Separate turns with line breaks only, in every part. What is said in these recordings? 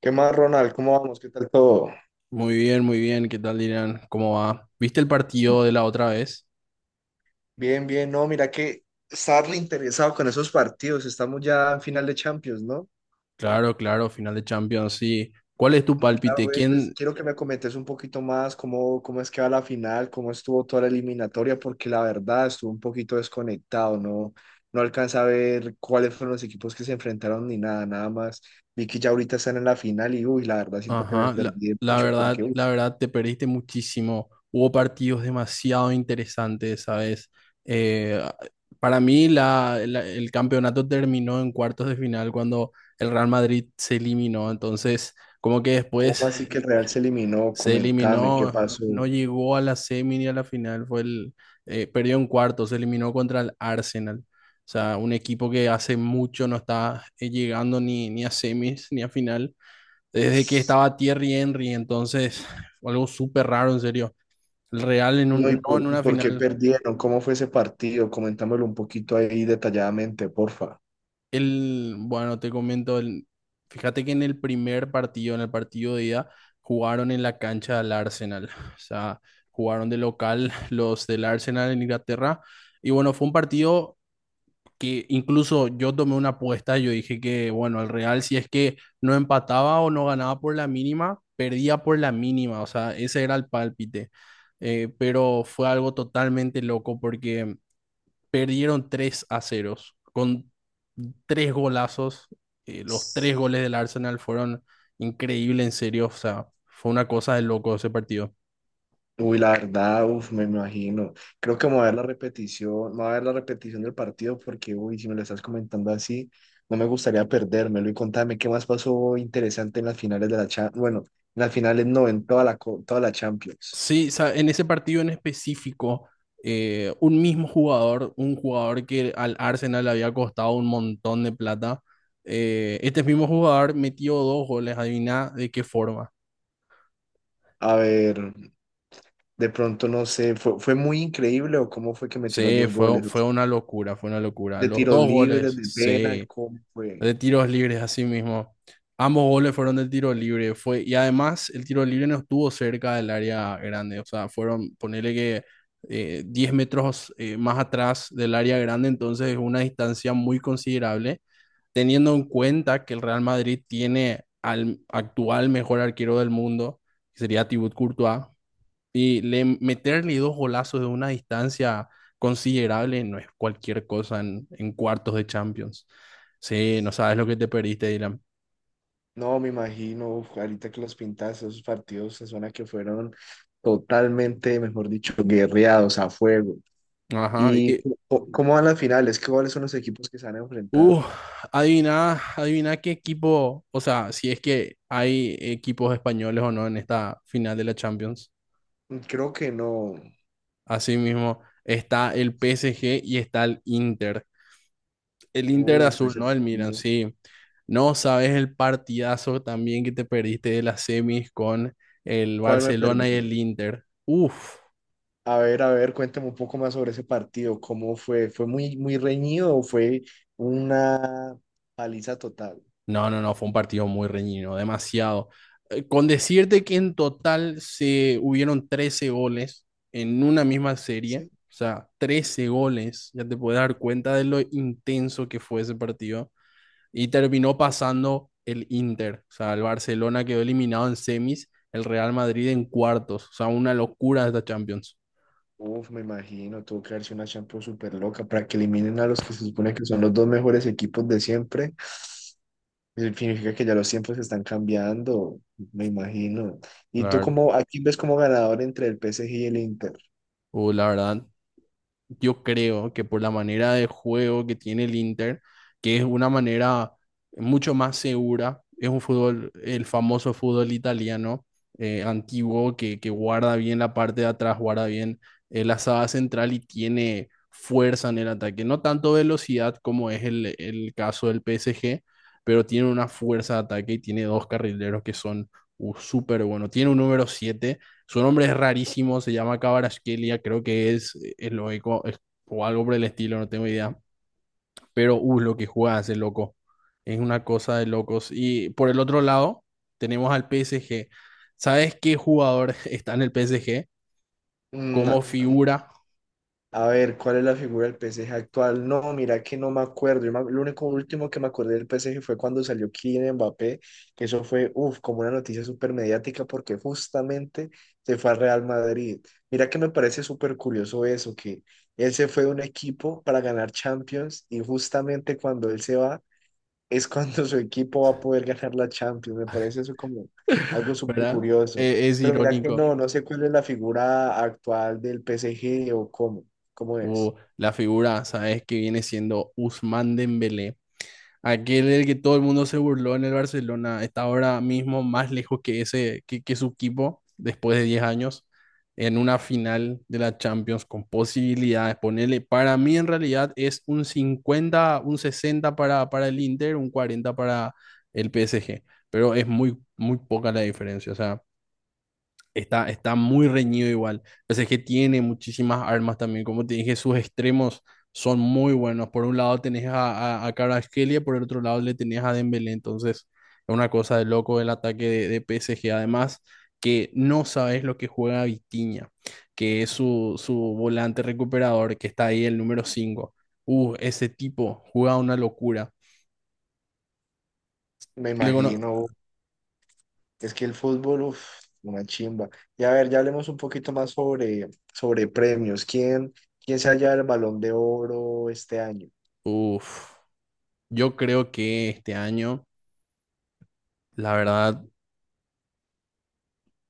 ¿Qué más, Ronald? ¿Cómo vamos? ¿Qué tal todo?
Muy bien, muy bien. ¿Qué tal, Irán? ¿Cómo va? ¿Viste el partido de la otra vez?
Bien, bien. No, mira que está interesado con esos partidos. Estamos ya en final de Champions, ¿no?
Claro, claro, final de Champions, sí. ¿Cuál es tu
Claro,
pálpite?
güey. Entonces,
¿Quién?
quiero que me comentes un poquito más cómo es que va la final, cómo estuvo toda la eliminatoria, porque la verdad estuvo un poquito desconectado, ¿no? No alcanza a ver cuáles fueron los equipos que se enfrentaron ni nada, nada más. Vi que ya ahorita están en la final y, uy, la verdad siento que me
Ajá,
perdí mucho, porque,
la verdad, te perdiste muchísimo. Hubo partidos demasiado interesantes, ¿sabes? Eh, para mí, el campeonato terminó en cuartos de final cuando el Real Madrid se eliminó. Entonces, como que
¿cómo
después
así que el Real se eliminó?
se
Comentame, ¿qué
eliminó,
pasó?
no llegó a la semi ni a la final, perdió en cuarto, se eliminó contra el Arsenal. O sea, un equipo que hace mucho no está llegando ni a semis ni a final, desde que estaba Thierry Henry. Entonces fue algo súper raro, en serio. El Real en
No,
un,
¿y
no en
por, y
una
por qué
final.
perdieron? ¿Cómo fue ese partido? Comentámoslo un poquito ahí detalladamente, porfa.
Bueno, te comento, fíjate que en el primer partido, en el partido de ida, jugaron en la cancha del Arsenal. O sea, jugaron de local los del Arsenal en Inglaterra. Y bueno, fue un partido que incluso yo tomé una apuesta. Yo dije que, bueno, el Real, si es que no empataba o no ganaba por la mínima, perdía por la mínima. O sea, ese era el pálpite. Pero fue algo totalmente loco porque perdieron 3 a 0 con tres golazos. Los tres goles del Arsenal fueron increíbles, en serio. O sea, fue una cosa de loco ese partido.
Uy, la verdad, uf, me imagino. Creo que me voy a ver la repetición, me voy a ver la repetición del partido porque, uy, si me lo estás comentando así, no me gustaría perdérmelo. Y contame qué más pasó interesante en las finales de la Champions. Bueno, en las finales no, en toda la Champions.
Sí, o sea, en ese partido en específico, un mismo jugador, un jugador que al Arsenal le había costado un montón de plata, este mismo jugador metió dos goles, adivina de qué forma.
A ver, de pronto no sé, ¿fue muy increíble o cómo fue que metió los
Sí,
dos
fue,
goles?
fue una locura, fue una locura.
¿De
Los
tiros
dos
libres,
goles,
de penal?
sí.
¿Cómo fue?
De tiros libres, así mismo. Ambos goles fueron de tiro libre. Fue, y además, el tiro libre no estuvo cerca del área grande. O sea, fueron, ponele que 10 metros más atrás del área grande. Entonces, es una distancia muy considerable. Teniendo en cuenta que el Real Madrid tiene al actual mejor arquero del mundo, que sería Thibaut Courtois, meterle dos golazos de una distancia considerable no es cualquier cosa en cuartos de Champions. Sí, no sabes lo que te perdiste, Dylan.
No, me imagino, uf, ahorita que los pintas, esos partidos se suena que fueron totalmente, mejor dicho, guerreados a fuego.
Ajá.
¿Y
Y
cómo van las finales? ¿Cuáles son los equipos que se van a enfrentar?
uh, adivina, adivina qué equipo, o sea, si es que hay equipos españoles o no en esta final de la Champions.
Creo que no.
Asimismo, está el PSG y está el Inter. El Inter
Uf,
azul,
ese
no el Milan,
partido.
sí. No sabes el partidazo también que te perdiste de las semis con el
¿Cuál me perdí?
Barcelona y el Inter. Uf,
A ver, cuéntame un poco más sobre ese partido. ¿Cómo fue? ¿Fue muy reñido o fue una paliza total?
no, no, no, fue un partido muy reñido, demasiado. Con decirte que en total se hubieron 13 goles en una misma serie,
Sí.
o sea, 13 goles, ya te puedes dar cuenta de lo intenso que fue ese partido. Y terminó pasando el Inter. O sea, el Barcelona quedó eliminado en semis, el Real Madrid en cuartos. O sea, una locura esta Champions.
Uf, me imagino, tuvo que haberse una Champions súper loca para que eliminen a los que se supone que son los dos mejores equipos de siempre. Significa que ya los tiempos están cambiando, me imagino. ¿Y tú
Claro,
cómo a quién ves como ganador entre el PSG y el Inter?
la verdad, yo creo que por la manera de juego que tiene el Inter, que es una manera mucho más segura, es un fútbol, el famoso fútbol italiano antiguo que guarda bien la parte de atrás, guarda bien la saga central y tiene fuerza en el ataque. No tanto velocidad como es el caso del PSG, pero tiene una fuerza de ataque y tiene dos carrileros que son súper buenos. Tiene un número siete, su nombre es rarísimo, se llama Cabaraskelia, creo que es eslovaco o algo por el estilo, no tengo idea. Pero, lo que juega ese loco. Es una cosa de locos. Y por el otro lado, tenemos al PSG. ¿Sabes qué jugador está en el PSG?
Mm.
Como figura,
A ver, ¿cuál es la figura del PSG actual? No, mira que no me acuerdo. Lo único último que me acordé del PSG fue cuando salió Kylian Mbappé, que eso fue, uff, como una noticia súper mediática porque justamente se fue al Real Madrid. Mira que me parece súper curioso eso, que él se fue de un equipo para ganar Champions y justamente cuando él se va es cuando su equipo va a poder ganar la Champions. Me parece eso como algo súper
¿verdad?
curioso.
Es
Pero mira que
irónico.
no, no sé cuál es la figura actual del PSG o cómo
Uh,
es.
la figura, ¿sabes qué viene siendo Ousmane Dembélé? Aquel del que todo el mundo se burló en el Barcelona está ahora mismo más lejos que que su equipo después de 10 años en una final de la Champions con posibilidades. Ponerle, para mí en realidad es un 50 un 60 para el Inter, un 40 para el PSG, pero es muy, muy poca la diferencia. O sea, está, está muy reñido igual. O sea, es que tiene muchísimas armas también. Como te dije, sus extremos son muy buenos. Por un lado tenés a Kvaratskhelia, por el otro lado le tenés a Dembélé. Entonces, es una cosa de loco el ataque de PSG. Además, que no sabes lo que juega Vitinha, que es su volante recuperador, que está ahí el número cinco. Ese tipo juega una locura.
Me
Le cono-
imagino, es que el fútbol, uf, una chimba. Y a ver, ya hablemos un poquito más sobre, sobre premios. ¿Quién se halla el Balón de Oro este año?
Uf, yo creo que este año, la verdad,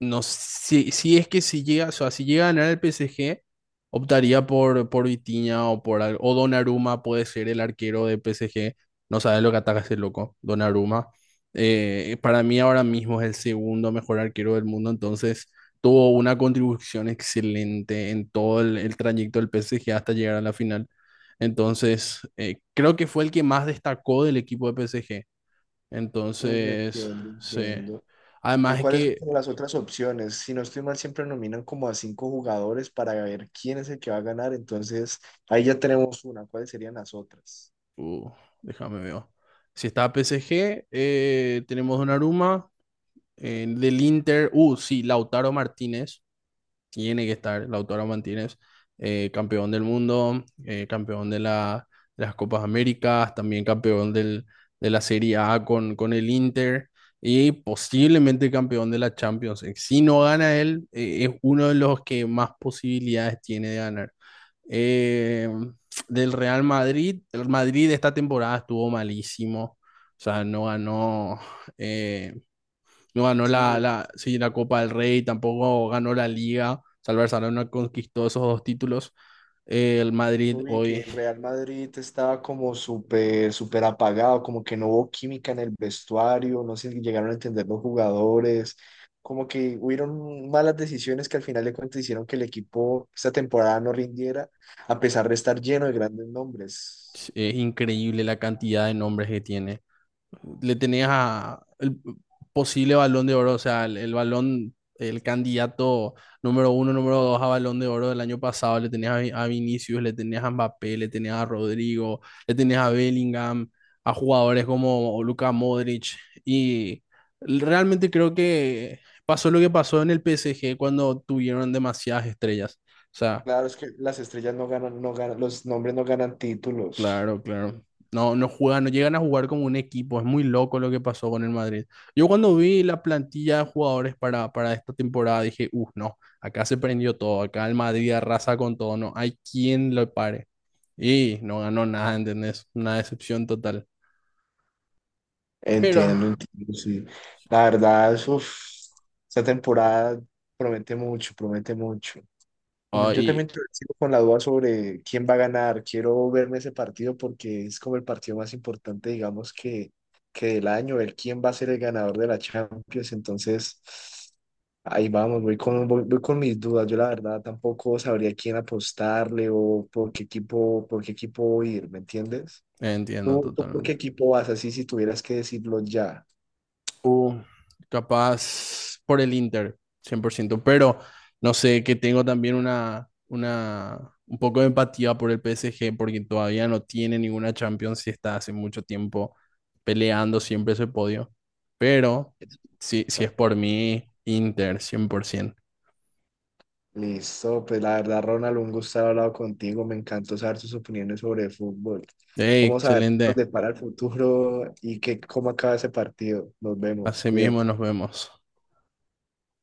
no, si es que si llega, o sea, si llega a ganar el PSG, optaría por Vitinha o por o Donnarumma puede ser el arquero de PSG. No sabe lo que ataca ese loco, Donnarumma. Para mí ahora mismo es el segundo mejor arquero del mundo, entonces tuvo una contribución excelente en todo el trayecto del PSG hasta llegar a la final. Entonces, creo que fue el que más destacó del equipo de PSG.
Mm.
Entonces,
Entiendo,
sí.
entiendo. ¿Y
Además es
cuáles son
que
como las otras opciones? Si no estoy mal, siempre nominan como a cinco jugadores para ver quién es el que va a ganar. Entonces, ahí ya tenemos una. ¿Cuáles serían las otras?
Uh, déjame ver. Si está PSG, tenemos Donnarumma. Del Inter, sí, Lautaro Martínez, tiene que estar Lautaro Martínez, campeón del mundo, campeón de, de las Copas Américas, también campeón de la Serie A con el Inter y posiblemente campeón de la Champions League. Si no gana él, es uno de los que más posibilidades tiene de ganar. Eh, Del Real Madrid, el Madrid esta temporada estuvo malísimo, o sea, no ganó, eh, no ganó
Sí, mira,
sí, la Copa del Rey, tampoco ganó la Liga. Salvar Barcelona conquistó esos dos títulos. El Madrid
yo vi que
hoy
el Real Madrid estaba como súper apagado, como que no hubo química en el vestuario, no se llegaron a entender los jugadores, como que hubieron malas decisiones que al final de cuentas hicieron que el equipo esta temporada no rindiera, a pesar de estar lleno de grandes nombres.
es increíble la cantidad de nombres que tiene. Le tenías a el posible balón de oro, o sea, el balón, el candidato número uno, número dos a balón de oro del año pasado, le tenías a, a Vinicius, le tenías a Mbappé, le tenías a Rodrigo, le tenías a Bellingham, a jugadores como Luka Modric, y realmente creo que pasó lo que pasó en el PSG cuando tuvieron demasiadas estrellas. O sea,
Claro, es que las estrellas no ganan, no ganan, los nombres no ganan títulos.
claro, claro. No, no juegan, no llegan a jugar como un equipo. Es muy loco lo que pasó con el Madrid. Yo cuando vi la plantilla de jugadores para esta temporada dije, uff, no, acá se prendió todo, acá el Madrid arrasa con todo, no hay quien lo pare. Y no ganó nada, ¿entendés? Una decepción total. Pero,
Entiendo, entiendo, sí. La verdad, uf, esta temporada promete mucho, promete mucho.
ahí
Sigo con la duda sobre quién va a ganar. Quiero verme ese partido porque es como el partido más importante, digamos, que del año, el quién va a ser el ganador de la Champions. Entonces, ahí vamos, voy con mis dudas. Yo la verdad tampoco sabría quién apostarle o por qué equipo ir, ¿me entiendes?
entiendo
¿Tú por qué
totalmente.
equipo vas así si tuvieras que decirlo ya?
Uh, Capaz por el Inter, 100%, pero no sé, que tengo también un poco de empatía por el PSG porque todavía no tiene ninguna Champions y está hace mucho tiempo peleando siempre ese podio, pero si es por mí, Inter, 100%.
Listo, pues la verdad, Ronald, un gusto haber hablado contigo. Me encantó saber tus opiniones sobre el fútbol.
Ey,
Vamos a ver qué nos
excelente,
depara el futuro y qué, cómo acaba ese partido. Nos vemos,
así mismo
cuídate.
nos vemos.